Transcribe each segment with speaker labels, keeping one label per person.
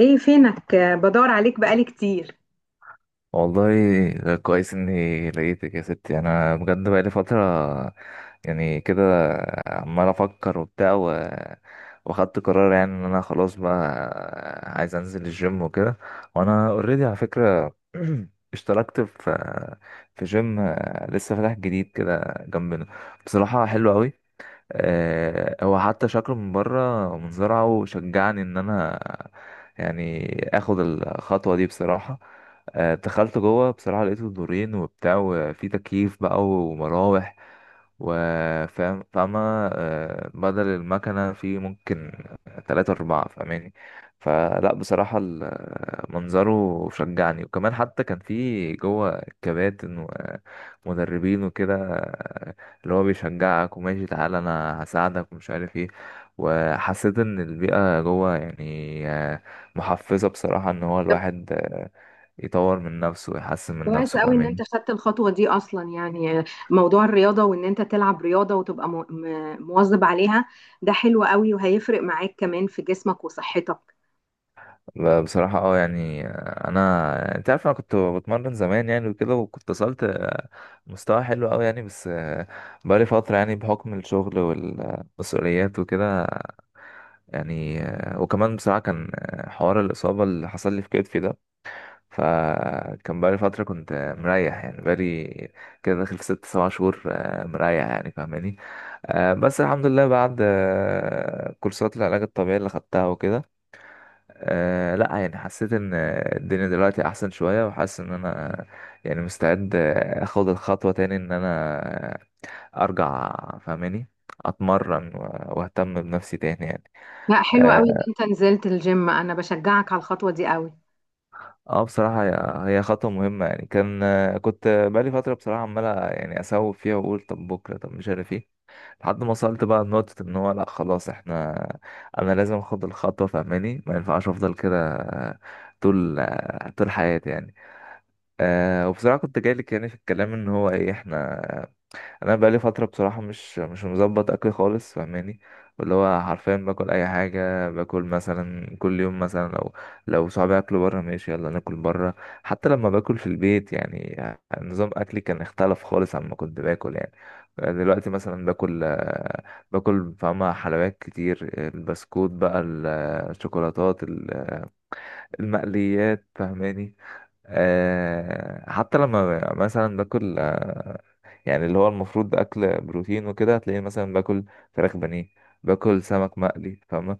Speaker 1: ايه فينك، بدور عليك بقالي كتير.
Speaker 2: والله، ده كويس اني لقيتك يا ستي. انا بجد بقالي فترة يعني كده، عمال افكر وبتاع، واخدت قرار يعني ان انا خلاص بقى عايز انزل الجيم وكده. وانا اوريدي على فكرة اشتركت في جيم لسه فاتح جديد كده جنبنا. بصراحة حلو قوي. هو حتى شكله من بره منظره شجعني ان انا يعني اخد الخطوه دي بصراحه. دخلت جوه بصراحه لقيته دورين وبتاع، وفي تكييف بقى ومراوح، وفاهم فاهمة. بدل المكنة في ممكن تلاتة أربعة فاهماني. فلا بصراحة منظره شجعني، وكمان حتى كان في جوه كباتن ومدربين وكده، اللي هو بيشجعك وماشي تعالى انا هساعدك ومش عارف ايه. وحسيت ان البيئة جوه يعني محفزة بصراحة، ان هو
Speaker 1: طب،
Speaker 2: الواحد يطور من نفسه ويحسن من
Speaker 1: كويس
Speaker 2: نفسه
Speaker 1: قوي ان انت
Speaker 2: فاهمين.
Speaker 1: خدت الخطوه دي اصلا يعني. موضوع الرياضه وان انت تلعب رياضه وتبقى مواظب عليها، ده حلو قوي وهيفرق معاك كمان في جسمك وصحتك.
Speaker 2: بصراحة يعني انا انت عارف انا كنت بتمرن زمان يعني وكده، وكنت وصلت مستوى حلو قوي يعني، بس بقالي فترة يعني بحكم الشغل والمسؤوليات وكده. يعني وكمان بصراحة كان حوار الإصابة اللي حصل لي في كتفي ده، فكان بقالي فترة كنت مريح. يعني بقالي كده داخل في ست سبع شهور مريح يعني فاهماني. بس الحمد لله، بعد كورسات العلاج الطبيعي اللي خدتها وكده، لا يعني حسيت ان الدنيا دلوقتي احسن شوية، وحاسس ان انا يعني مستعد اخد الخطوة تاني، ان انا ارجع فاهماني اتمرن واهتم بنفسي تاني يعني.
Speaker 1: لا، حلو قوي ان
Speaker 2: آه،
Speaker 1: انت نزلت الجيم. انا بشجعك على الخطوه دي قوي.
Speaker 2: اه بصراحة هي خطوة مهمة. يعني كان كنت بقالي فترة بصراحة عمال يعني اسوف فيها واقول طب بكرة، طب مش عارف ايه، لحد ما وصلت بقى لنقطة ان هو لا خلاص انا لازم اخد الخطوة فاهماني. ما ينفعش افضل كده طول حياتي يعني. وبصراحة كنت جايلك يعني في الكلام، ان هو ايه انا بقالي فتره بصراحه مش مظبط اكل خالص فاهماني. اللي هو حرفيا باكل اي حاجه. باكل مثلا كل يوم، مثلا لو صحابي اكلوا بره ماشي يلا ناكل بره. حتى لما باكل في البيت، يعني نظام اكلي كان اختلف خالص عن ما كنت باكل يعني. دلوقتي مثلا باكل فاهمة حلويات كتير، البسكوت بقى، الشوكولاتات، المقليات فاهماني. حتى لما مثلا باكل، يعني اللي هو المفروض ده اكل بروتين وكده، هتلاقيه مثلا باكل فراخ بانيه، باكل سمك مقلي فاهمة.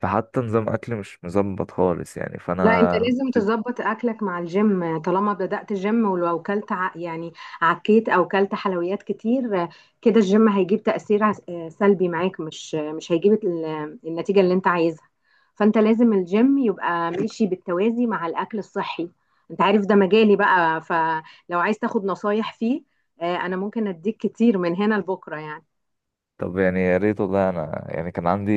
Speaker 2: فحتى نظام اكل مش مظبط خالص يعني
Speaker 1: لا، انت
Speaker 2: فانا.
Speaker 1: لازم تظبط اكلك مع الجيم. طالما بدأت جيم، ولو كلت يعني عكيت او كلت حلويات كتير، كده الجيم هيجيب تأثير سلبي معاك، مش هيجيب النتيجه اللي انت عايزها. فانت لازم الجيم يبقى ماشي بالتوازي مع الاكل الصحي. انت عارف ده مجالي بقى، فلو عايز تاخد نصايح فيه، انا ممكن اديك كتير من هنا لبكره يعني.
Speaker 2: طب يعني يا ريت والله. انا يعني كان عندي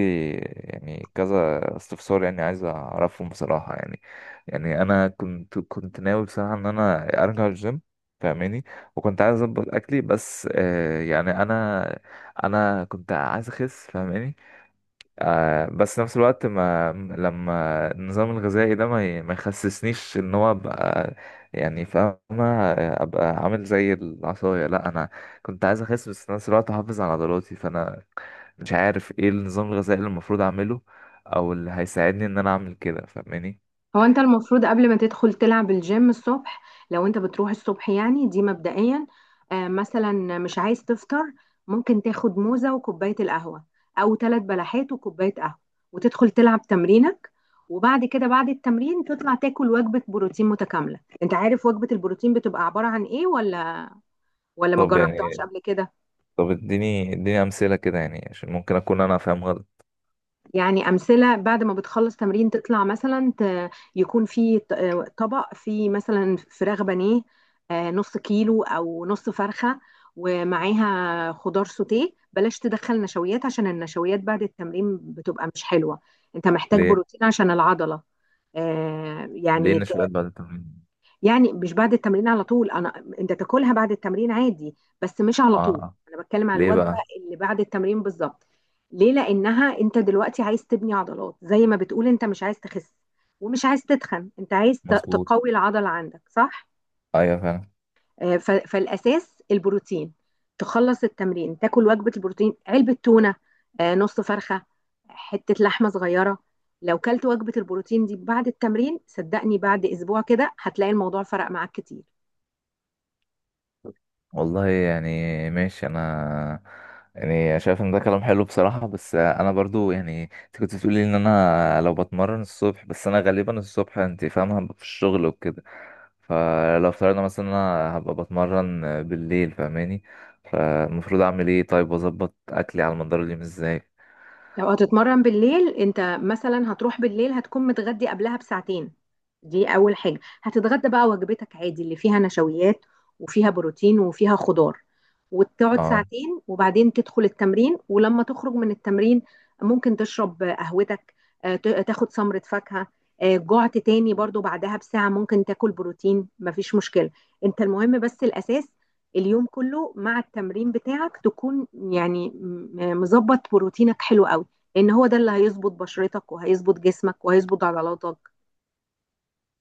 Speaker 2: يعني كذا استفسار يعني عايز اعرفهم بصراحة يعني، يعني انا كنت ناوي بصراحة ان انا ارجع الجيم فاهماني، وكنت عايز اظبط اكلي، بس يعني انا كنت عايز اخس فاهماني. بس نفس الوقت، ما لما النظام الغذائي ده ما يخسسنيش، ان هو ابقى يعني فاهمة ابقى عامل زي العصاية. لا انا كنت عايز اخس، بس في نفس الوقت احافظ على عضلاتي، فانا مش عارف ايه النظام الغذائي اللي المفروض اعمله، او اللي هيساعدني ان انا اعمل كده فاهماني.
Speaker 1: هو انت المفروض قبل ما تدخل تلعب الجيم الصبح، لو انت بتروح الصبح يعني، دي مبدئيا. مثلا مش عايز تفطر، ممكن تاخد موزة وكوباية القهوة، او ثلاث بلحات وكوباية قهوة، وتدخل تلعب تمرينك، وبعد كده بعد التمرين تطلع تاكل وجبة بروتين متكاملة. انت عارف وجبة البروتين بتبقى عبارة عن ايه؟ ولا ما
Speaker 2: طب
Speaker 1: جربتهاش
Speaker 2: يعني
Speaker 1: قبل كده؟
Speaker 2: طب اديني امثلة كده، يعني عشان ممكن اكون انا فاهم غلط.
Speaker 1: يعني أمثلة، بعد ما بتخلص تمرين تطلع مثلا، يكون في طبق فيه مثلا فراخ بانيه، نص كيلو أو نص فرخة، ومعاها خضار سوتيه. بلاش تدخل نشويات، عشان النشويات بعد التمرين بتبقى مش حلوة. أنت محتاج
Speaker 2: ليه
Speaker 1: بروتين عشان العضلة.
Speaker 2: ليه
Speaker 1: يعني،
Speaker 2: النشويات بعد التمرين؟
Speaker 1: يعني مش بعد التمرين على طول. انا انت تاكلها بعد التمرين عادي، بس مش
Speaker 2: اه،
Speaker 1: على طول.
Speaker 2: آه.
Speaker 1: انا بتكلم على
Speaker 2: ليه
Speaker 1: الوجبه
Speaker 2: بقى؟
Speaker 1: اللي بعد التمرين بالظبط. ليه؟ لانها انت دلوقتي عايز تبني عضلات زي ما بتقول، انت مش عايز تخس ومش عايز تتخن، انت عايز
Speaker 2: مظبوط.
Speaker 1: تقوي العضله عندك، صح؟
Speaker 2: ايوه فعلا.
Speaker 1: فالاساس البروتين. تخلص التمرين تاكل وجبه البروتين: علبه تونه، نص فرخه، حته لحمه صغيره. لو كلت وجبه البروتين دي بعد التمرين، صدقني بعد اسبوع كده هتلاقي الموضوع فرق معاك كتير.
Speaker 2: والله يعني ماشي. انا يعني شايف ان ده كلام حلو بصراحة، بس انا برضو يعني انت كنت بتقولي ان انا لو بتمرن الصبح، بس انا غالبا الصبح انت فاهمة هبقى في الشغل وكده. فلو افترضنا مثلا انا هبقى بتمرن بالليل فاهماني، فالمفروض اعمل ايه طيب؟ واظبط اكلي على مدار اليوم ازاي؟
Speaker 1: لو هتتمرن بالليل، انت مثلا هتروح بالليل، هتكون متغدي قبلها بساعتين. دي اول حاجة. هتتغدى بقى وجبتك عادي اللي فيها نشويات وفيها بروتين وفيها خضار، وتقعد
Speaker 2: اه،
Speaker 1: ساعتين، وبعدين تدخل التمرين. ولما تخرج من التمرين، ممكن تشرب قهوتك، تاخد سمرة فاكهة. جعت تاني برضو بعدها بساعة، ممكن تاكل بروتين، مفيش مشكلة. انت المهم بس الاساس، اليوم كله مع التمرين بتاعك تكون يعني مظبط بروتينك حلو قوي، لان هو ده اللي هيظبط بشرتك، وهيظبط جسمك، وهيظبط عضلاتك.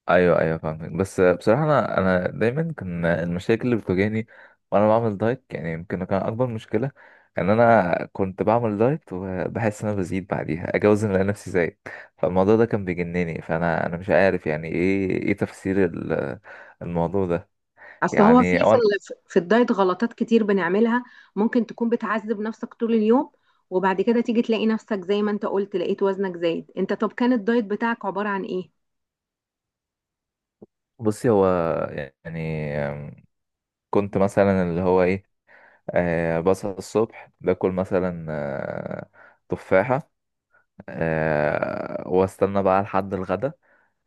Speaker 2: ايوه ايوه، فاهمك. بس بصراحه انا دايما كان المشاكل اللي بتواجهني وانا بعمل دايت، يعني يمكن كان اكبر مشكله ان انا كنت بعمل دايت وبحس ان انا بزيد، بعديها اجي اوزن الاقي نفسي زايد. فالموضوع ده كان بيجنني، فانا مش عارف يعني ايه تفسير الموضوع ده.
Speaker 1: اصل هو
Speaker 2: يعني
Speaker 1: في الدايت غلطات كتير بنعملها. ممكن تكون بتعذب نفسك طول اليوم، وبعد كده تيجي تلاقي نفسك زي ما انت قلت، لقيت وزنك زايد. انت طب كان الدايت بتاعك عبارة عن ايه؟
Speaker 2: بصي. هو يعني كنت مثلا اللي هو ايه، بصحى الصبح باكل مثلا تفاحه، واستنى بقى لحد الغدا.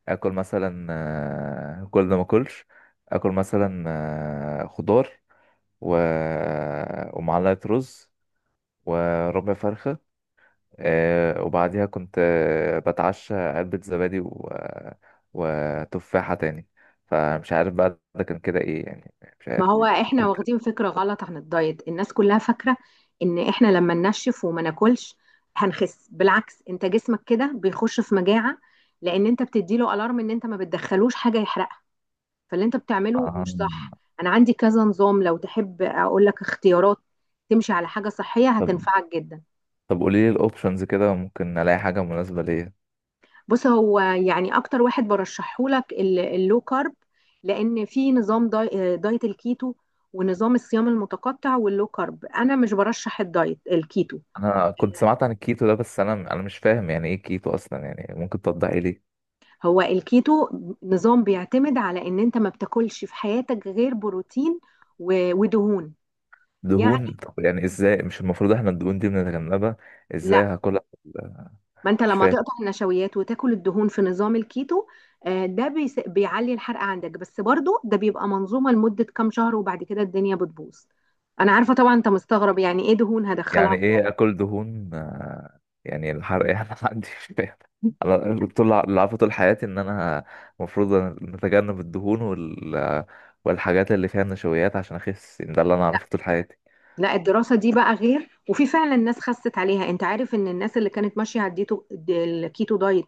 Speaker 2: اكل مثلا كل ده ما اكلش. اكل مثلا خضار و... ومعلقه رز وربع فرخه، وبعديها كنت بتعشى علبه زبادي وتفاحه تاني. فمش عارف بقى ده كان كده ايه يعني، مش
Speaker 1: ما
Speaker 2: عارف.
Speaker 1: هو احنا
Speaker 2: كنت
Speaker 1: واخدين فكرة غلط عن الدايت. الناس كلها فاكرة ان احنا لما ننشف وما ناكلش هنخس. بالعكس، انت جسمك كده بيخش في مجاعة، لان انت بتديله الارم ان انت ما بتدخلوش حاجة يحرقها. فاللي انت بتعمله
Speaker 2: آه،
Speaker 1: مش صح. انا عندي كذا نظام، لو تحب اقول لك اختيارات تمشي على حاجة صحية
Speaker 2: طب
Speaker 1: هتنفعك جدا.
Speaker 2: طب، قولي لي الاوبشنز كده، ممكن الاقي حاجه مناسبه ليا.
Speaker 1: بص، هو يعني اكتر واحد برشحه لك اللو كارب، لان في نظام دايت الكيتو، ونظام الصيام المتقطع، واللو كارب. انا مش برشح الدايت الكيتو.
Speaker 2: انا كنت سمعت عن الكيتو ده، بس انا مش فاهم يعني ايه كيتو اصلا، يعني ممكن توضحي لي؟
Speaker 1: هو الكيتو نظام بيعتمد على ان انت ما بتاكلش في حياتك غير بروتين ودهون. يعني
Speaker 2: دهون؟ طب يعني ازاي؟ مش المفروض احنا الدهون دي بنتجنبها؟
Speaker 1: لا،
Speaker 2: ازاي هاكلها؟
Speaker 1: ما انت
Speaker 2: مش
Speaker 1: لما
Speaker 2: فاهم
Speaker 1: تقطع النشويات وتاكل الدهون في نظام الكيتو، آه، ده بيس- بيعلي الحرق عندك. بس برضو ده بيبقى منظومة لمدة كام شهر، وبعد كده الدنيا بتبوظ. انا عارفة طبعا انت مستغرب يعني ايه دهون هدخلها
Speaker 2: يعني
Speaker 1: في
Speaker 2: ايه
Speaker 1: دايت.
Speaker 2: اكل دهون. يعني الحرق يعني ما عنديش فاهم. انا طول اللي عارفه طول حياتي ان انا المفروض نتجنب الدهون والحاجات اللي فيها نشويات عشان اخس، يعني ده اللي انا عارفه طول حياتي.
Speaker 1: لا، الدراسة دي بقى غير، وفي فعلا ناس خست عليها. انت عارف ان الناس اللي كانت ماشية على الكيتو دايت،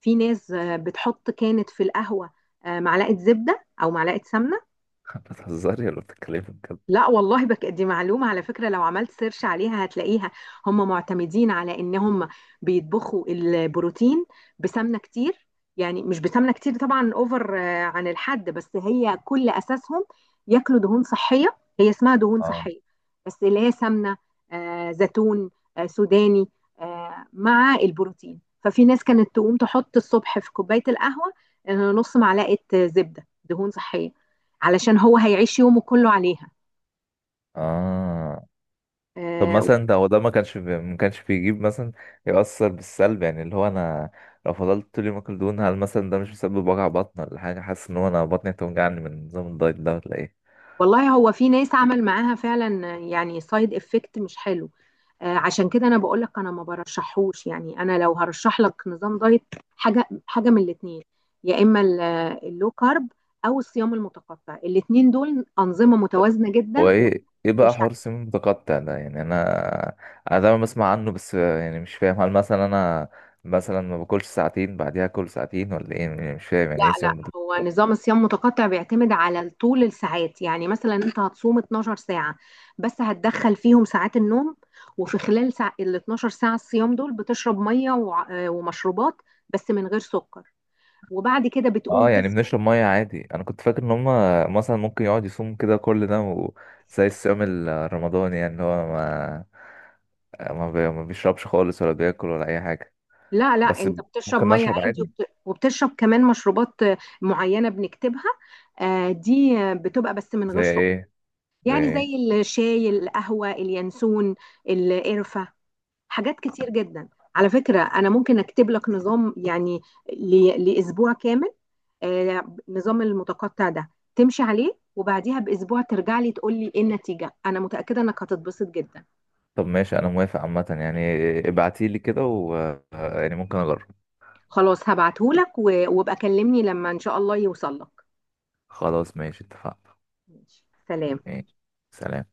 Speaker 1: في ناس بتحط كانت في القهوة معلقة زبدة او معلقة سمنة.
Speaker 2: بتهزري ولا بتتكلمي بجد؟
Speaker 1: لا والله، بك دي معلومة على فكرة. لو عملت سيرش عليها هتلاقيها. هم معتمدين على ان هم بيطبخوا البروتين بسمنة كتير. يعني مش بسمنة كتير طبعا، اوفر عن الحد، بس هي كل اساسهم ياكلوا دهون صحية. هي اسمها دهون
Speaker 2: اه
Speaker 1: صحية، بس اللي هي سمنة، زيتون، سوداني، مع البروتين. ففي ناس كانت تقوم تحط الصبح في كوباية القهوة نص معلقة زبدة دهون صحية، علشان هو هيعيش يومه كله عليها.
Speaker 2: اه. طب
Speaker 1: آه
Speaker 2: مثلا ده هو ده ما كانش بيجيب مثلا، يأثر بالسلب يعني، اللي هو انا لو فضلت طول اليوم اكل دهون، هل مثلا ده مش مسبب وجع بطن ولا حاجه؟ حاسس ان هو انا بطني هتوجعني من نظام الدايت ده ولا ايه؟
Speaker 1: والله، هو في ناس عمل معاها فعلا يعني سايد افكت مش حلو. عشان كده انا بقول لك، انا ما برشحهوش. يعني انا لو هرشح لك نظام دايت، حاجه حاجه من الاثنين: يا اما اللو كارب، او الصيام المتقطع. الاثنين دول انظمه متوازنه
Speaker 2: هو
Speaker 1: جدا
Speaker 2: ايه بقى
Speaker 1: وتمشي.
Speaker 2: حوار السمين المتقطع ده؟ يعني انا دايما بسمع عنه، بس يعني مش فاهم. هل مثلا انا مثلا ما باكلش ساعتين بعديها اكل ساعتين ولا ايه يعني؟ مش فاهم
Speaker 1: لا،
Speaker 2: يعني ايه
Speaker 1: لا،
Speaker 2: سمين؟
Speaker 1: هو نظام الصيام متقطع بيعتمد على طول الساعات. يعني مثلا انت هتصوم 12 ساعة، بس هتدخل فيهم ساعات النوم. وفي خلال ساعة ال 12 ساعة الصيام دول بتشرب مية ومشروبات، بس من غير سكر. وبعد كده بتقوم
Speaker 2: اه، يعني
Speaker 1: تفطر.
Speaker 2: بنشرب ميه عادي؟ انا كنت فاكر ان هم مثلا ممكن يقعد يصوم كده كل ده، زي الصيام الرمضاني، يعني اللي هو ما بيشربش خالص ولا بياكل ولا اي حاجه.
Speaker 1: لا، لا،
Speaker 2: بس
Speaker 1: انت بتشرب
Speaker 2: ممكن
Speaker 1: مية
Speaker 2: نشرب
Speaker 1: عادي،
Speaker 2: عادي؟
Speaker 1: وبتشرب كمان مشروبات معينة بنكتبها. دي بتبقى بس من
Speaker 2: زي
Speaker 1: غير سكر.
Speaker 2: ايه؟ زي
Speaker 1: يعني
Speaker 2: ايه؟
Speaker 1: زي الشاي، القهوة، اليانسون، القرفة، حاجات كتير جدا. على فكرة، أنا ممكن أكتب لك نظام يعني لأسبوع كامل، آه، نظام المتقطع ده، تمشي عليه، وبعديها بأسبوع ترجع لي تقول لي إيه النتيجة. أنا متأكدة إنك هتتبسط جدا.
Speaker 2: طب ماشي، انا موافق عامه يعني، ابعتيلي كده يعني ممكن اجرب.
Speaker 1: خلاص، هبعته لك، وابقى كلمني لما إن شاء الله يوصل لك.
Speaker 2: خلاص ماشي، اتفقنا.
Speaker 1: ماشي. سلام.
Speaker 2: ماشي. سلام.